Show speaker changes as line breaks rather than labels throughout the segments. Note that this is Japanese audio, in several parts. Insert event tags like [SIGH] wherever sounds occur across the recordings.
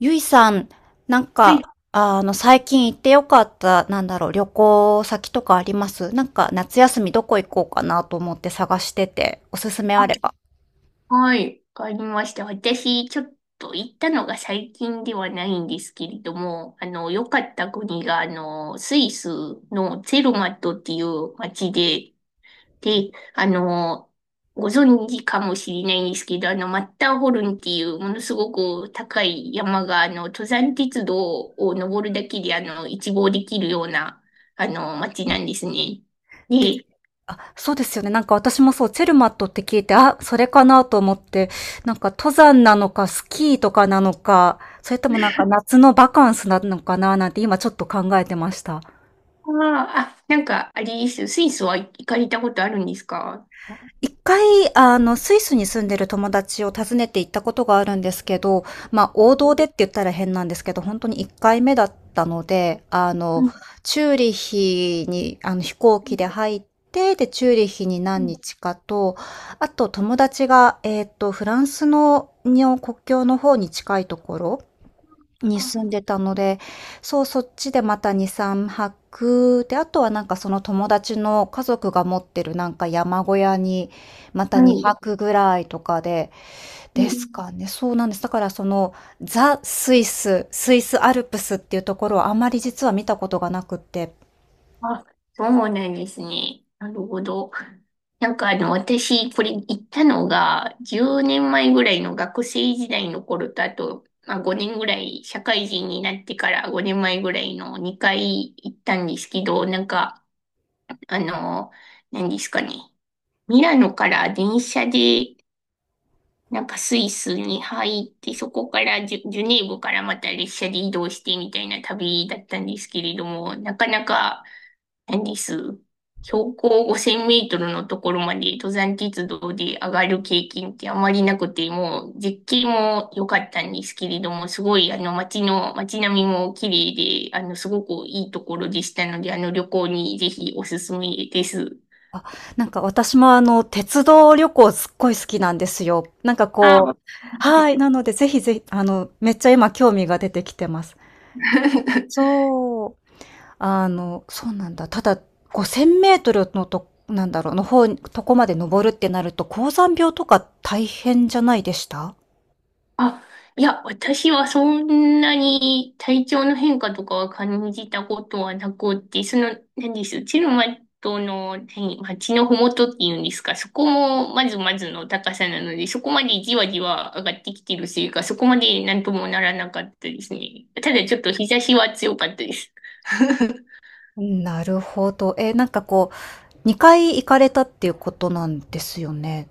ゆいさん、
はい。
最近行ってよかった、旅行先とかあります？なんか、夏休みどこ行こうかなと思って探してて、おすすめ
あ、
あれば。
はい。わかりました。私、ちょっと行ったのが最近ではないんですけれども、良かった国が、スイスのツェルマットっていう街で、で、ご存知かもしれないんですけど、マッターホルンっていうものすごく高い山が、登山鉄道を登るだけで、一望できるような、街なんですね。
で、
で、
そうですよね。なんか私もそう、チェルマットって聞いて、あ、それかなと思って、なんか登山なのか、スキーとかなのか、それともなんか夏のバカンスなのかななんて今ちょっと考えてました。
なんか、あれです。スイスは行かれたことあるんですか？
一回、あの、スイスに住んでる友達を訪ねて行ったことがあるんですけど、まあ、王道でって言ったら変なんですけど、本当に1回目だったので、あ
う
の、
ん。
チューリッヒに、あの、飛行機で入って、で、チューリッヒに
う
何
ん。
日かと、あと友達が、フランスの国境の方に近いところに
あ、
住んでたので、そう、そっちでまた2、3泊、で、あとはなんかその友達の家族が持ってるなんか山小屋に、また
はい。
2泊ぐらいとかで、
う
です
ん。
かね。そうなんです。だからその、ザ・スイス、スイスアルプスっていうところはあまり実は見たことがなくって、
あ、そうなんですね。なるほど。なんかあの、私、これ行ったのが、10年前ぐらいの学生時代の頃と、あと、まあ、5年ぐらい、社会人になってから5年前ぐらいの2回行ったんですけど、なんか、あの、何ですかね。ミラノから電車でなんかスイスに入って、そこからジュネーブからまた列車で移動してみたいな旅だったんですけれども、なかなか、何です。標高5000メートルのところまで登山鉄道で上がる経験ってあまりなくて、もう絶景も良かったんですけれども、すごいあの街の、街並みも綺麗で、あのすごくいいところでしたので、あの旅行にぜひおすすめです。
あ、なんか私もあの、鉄道旅行すっごい好きなんですよ。なんか
ああ、
こ
わ
う、
か
はい、なのでぜひぜひ、あの、めっちゃ今興味が出てきてます。
[LAUGHS]
そう。あの、そうなんだ。ただ、5000メートルのと、の方、とこまで登るってなると、高山病とか大変じゃないでした？
あ、いや、私はそんなに体調の変化とかは感じたことはなくって、その、何です、うちのマトの、何、町のふもとっていうんですか、そこもまずまずの高さなので、そこまでじわじわ上がってきてるせいか、そこまでなんともならなかったですね。ただちょっと日差しは強かったです。[LAUGHS]
なるほど。えー、なんかこう、2回行かれたっていうことなんですよね。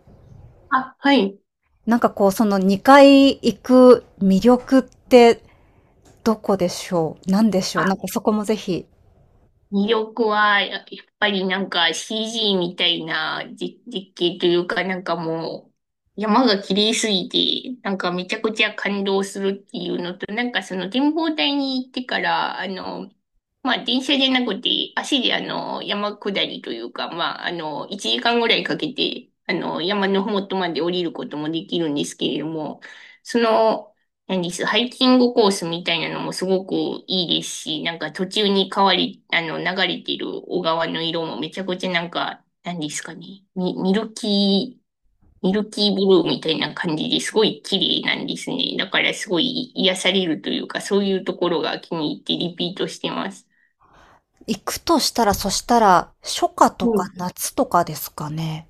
あ、はい。
なんかこう、その2回行く魅力ってどこでしょう？なんでしょう？なんかそこもぜひ。
魅力は、やっぱりなんか CG みたいな実景というか、なんかもう、山が綺麗すぎて、なんかめちゃくちゃ感動するっていうのと、なんかその展望台に行ってから、まあ、電車じゃなくて、足で山下りというか、まあ、1時間ぐらいかけて、山のふもとまで降りることもできるんですけれども、その、何です、ハイキングコースみたいなのもすごくいいですし、なんか途中に変わり、流れてる小川の色もめちゃくちゃなんか、何ですかね、ミルキー、ミルキーブルーみたいな感じですごい綺麗なんですね。だからすごい癒されるというか、そういうところが気に入ってリピートしてます。
行くとしたら、そしたら、初夏と
う
か
ん。
夏とかですかね。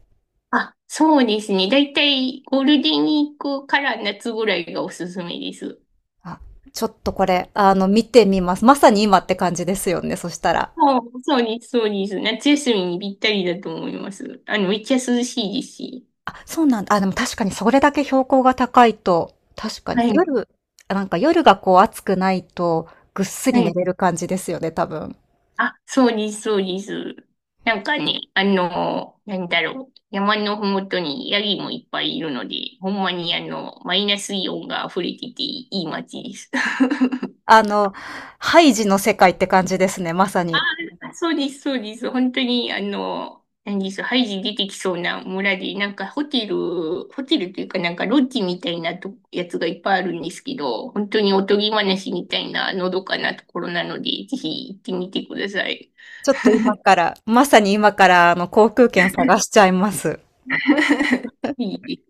あ、そうですね。だいたいゴールデンウィークから夏ぐらいがおすすめです。
あ、ちょっとこれ、あの、見てみます。まさに今って感じですよね、そしたら。
あそうです、そうです。夏休みにぴったりだと思います。めっちゃ涼しいですし。
あ、そうなんだ。あ、でも確かにそれだけ標高が高いと、確か
は
に
い、
夜、あ、なんか夜がこう暑くないと、ぐっす
は
り寝
い。
れる感じですよね、多分。
あ、そうです、そうです。なんかね、なんだろう。山のふもとにヤギもいっぱいいるので、ほんまにあの、マイナスイオンが溢れてていい街です。[LAUGHS]
あの、ハイジの世界って感じですね、まさに。
あそうです、そうです。本当に、何です、ハイジ出てきそうな村で、なんかホテルというかなんかロッジみたいなとやつがいっぱいあるんですけど、本当におとぎ話みたいなのどかなところなので、ぜひ行ってみてください。
ちょっと今から、まさに今から、あの、航空券探しちゃいます。
[LAUGHS] いいで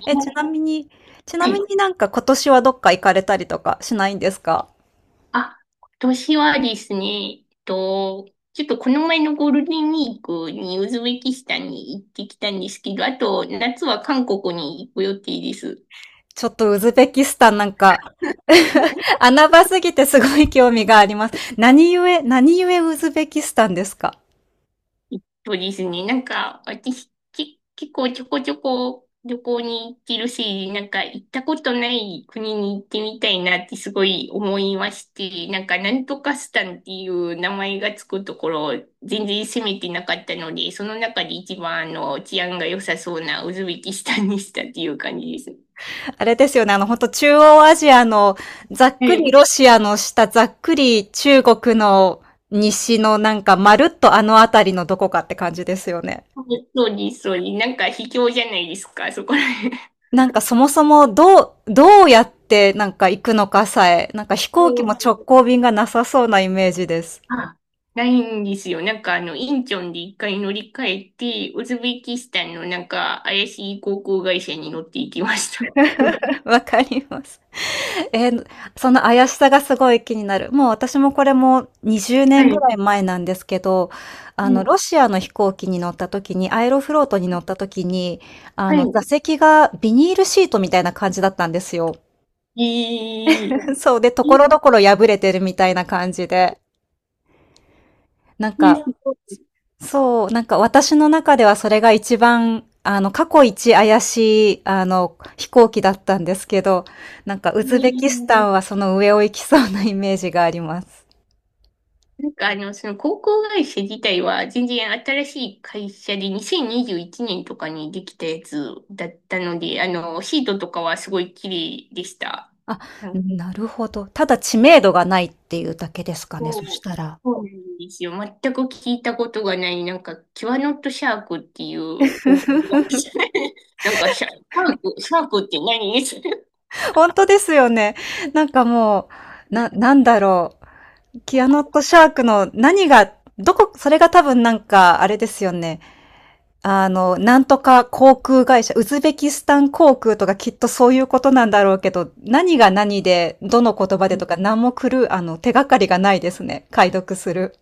す
え、ち
ね。
なみに、ちな
は
み
い。
になんか今年はどっか行かれたりとかしないんですか？
あ、今年はですね、ちょっとこの前のゴールデンウィークにウズベキスタンに行ってきたんですけど、あと夏は韓国に行く予定です。
ちょっとウズベキスタン、なんか [LAUGHS] 穴場すぎてすごい興味があります。何故ウズベキスタンですか？
そうですね。なんか、私、結構ちょこちょこ旅行に行ってるし、なんか行ったことない国に行ってみたいなってすごい思いまして、なんかなんとかスタンっていう名前がつくところ、全然攻めてなかったので、その中で一番あの治安が良さそうなウズベキスタンにしたっていう感じです。
あれですよね、あの、本当中央アジアの、ざっ
は
くり
い。
ロシアの下、ざっくり中国の西のなんか、まるっとあの辺りのどこかって感じですよね。
そうです、そうです。なんか卑怯じゃないですか、そこら辺。
なんかそもそもどうやってなんか行くのかさえ、なんか飛
う
行機も
ん。
直行便がなさそうなイメージです。
あ、ないんですよ。なんかあの、インチョンで一回乗り換えて、ウズベキスタンのなんか怪しい航空会社に乗っていきました。
[LAUGHS] わかります。[LAUGHS] えー、その怪しさがすごい気になる。もう私もこれも20
は
年ぐ
い。
らい前なんですけど、あ
う
の、
ん。
ロシアの飛行機に乗った時に、アエロフロートに乗った時に、あ
は
の、
い。
座席がビニールシートみたいな感じだったんですよ。
えー、
[LAUGHS] そうで、とこ
い
ろどころ破れてるみたいな感じで。なん
いです
か、
よ。
そう、なんか私の中ではそれが一番、あの、過去一怪しい、あの、飛行機だったんですけど、なんかウ
え
ズベキス
ー、
タンはその上を行きそうなイメージがあります。
なんかあの、その航空会社自体は全然新しい会社で2021年とかにできたやつだったので、シートとかはすごい綺麗でした。
あ、なるほど。ただ知名度がないっていうだけですかね、そし
そう、
たら。
そうなんですよ。全く聞いたことがない、なんか、キュアノットシャークっていう、お、[LAUGHS] なんかシャークって何です？ [LAUGHS]
ほんとですよね。なんかもう、なんだろう。キアノットシャークの何が、どこ、それが多分なんか、あれですよね。あの、なんとか航空会社、ウズベキスタン航空とかきっとそういうことなんだろうけど、何が何で、どの言葉でとか、何も来る、あの、手がかりがないですね。解読する。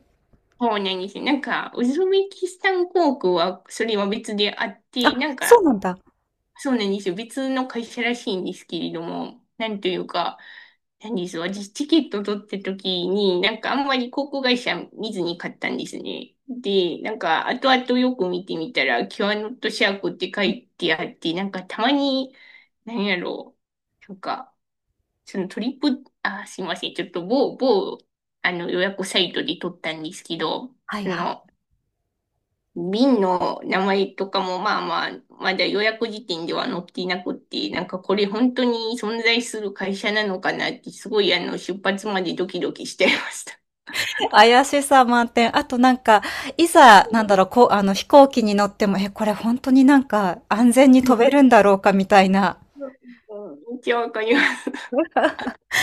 そうなんですよ。なんか、ウズベキスタン航空は、それは別であっ
あ、
て、なん
そ
か、
うなんだ。
そうなんですよ。別の会社らしいんですけれども、なんというか、なんです私、チケット取った時に、なんかあんまり航空会社見ずに買ったんですね。で、なんか後々よく見てみたら、キュアノットシャークって書いてあって、なんかたまに、何やろう、なんか、そのトリップ、あ、すいません、ちょっと某、あの予約サイトで取ったんですけど、
はい
そ
はい。
の、瓶の名前とかもまあまあ、まだ予約時点では載っていなくって、なんかこれ本当に存在する会社なのかなって、すごいあの、出発までドキドキしちゃいました。
怪しさ満点。あとなんか、いざ、飛行機に乗っても、え、これ本当になんか、安全に飛べるんだろうか、みたいな。
めっちゃわかります。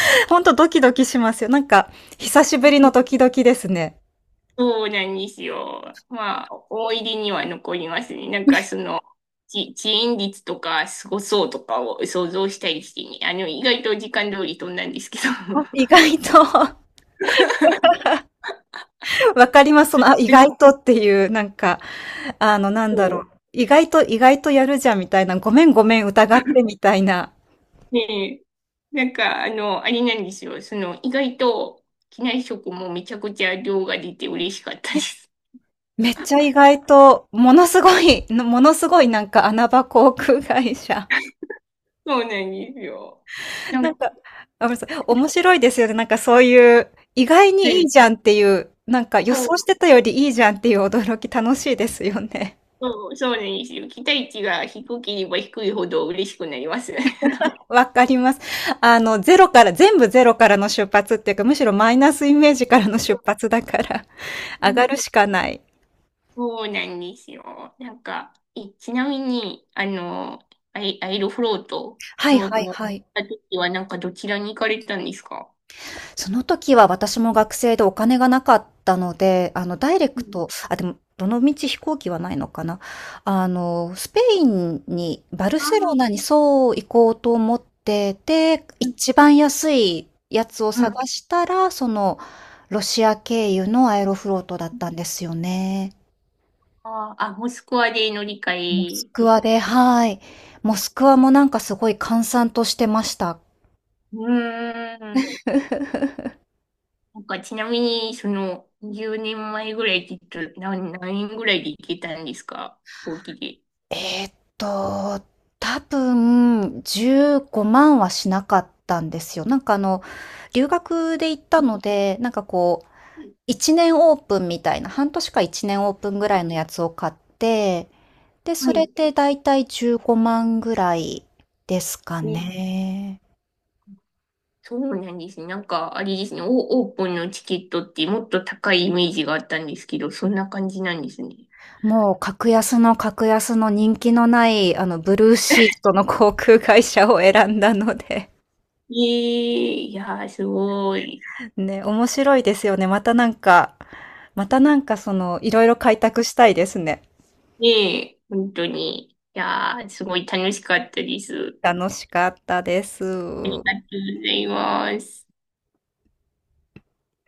[LAUGHS] 本当ドキドキしますよ。なんか、久しぶりのドキドキですね。
そうなんですよ。まあ、思い出には残りますね。なんかその、遅延率とかすごそうとかを想像したりしてね。意外と時間通り飛んだんですけど。
あ、意外と [LAUGHS]
[LAUGHS]
わかります。その、あ、意
で
外
も、
とっていう、あの、なんだろう。意外と、意外とやるじゃんみたいな、ごめんごめん疑ってみたいな。
ねえ、なんか、あれなんですよ。その、意外と、機内食もめちゃくちゃ量が出て嬉しかったです。
めっちゃ意外と、ものすごい、ものすごいなんか穴場航空会社。
[LAUGHS] そうなんですよ。
[LAUGHS]
なん
なん
か、
か、あ、ごめんなさい、面白いですよね。なんかそういう、意外
ね
にいい
え、
じゃんっていう、なんか予
そ
想し
う、
てたよりいいじゃんっていう驚き楽しいですよね。
そうなんですよ。期待値が低ければ低いほど嬉しくなります。[LAUGHS] なんか、
[LAUGHS] わかります。あの、ゼロから、全部ゼロからの出発っていうか、むしろマイナスイメージからの出発だから、[LAUGHS] 上
う
が
ん、
るしかない。
そうなんですよ。なんか、え、ちなみに、アイロフロート
はい
の、
はい
の
はい。
時は、なんか、どちらに行かれたんですか？
その時は私も学生でお金がなかったので、あの、ダイレ
う
ク
ん。
ト、あ、でも、どのみち飛行機はないのかな。あの、スペインに、バル
あ
セロナ
ー。
にそう行こうと思ってて、
う
一番安いやつを
ん。う
探
ん。
したら、その、ロシア経由のアエロフロートだったんですよね。
ああ、モスクワで乗り
モス
換
ク
えです。
ワで、はい。モスクワもなんかすごい閑散としてました。
うーん。
[LAUGHS]
なんかちなみに、その、10年前ぐらいって言ったら、何円ぐらいで行けたんですか？飛行機で。
えーっと、多分15万はしなかったんですよ。なんかあの、留学で行ったので、なんかこう、1年オープンみたいな、半年か1年オープンぐらいのやつを買って、で、
は
それ
い。
でだいたい15万ぐらいですか
ね、
ね。
そうなんですね。なんか、あれですね、オープンのチケットってもっと高いイメージがあったんですけど、そんな感じなんですね。
もう格安の格安の人気のない、あの、ブルーシートの航空会社を選んだので
ええいやー、すごい。
ね、面白いですよね。またなんかその、いろいろ開拓したいですね。
ねえ、本当に。いやー、すごい楽しかったです。
楽しかったです。
ありがとうございます。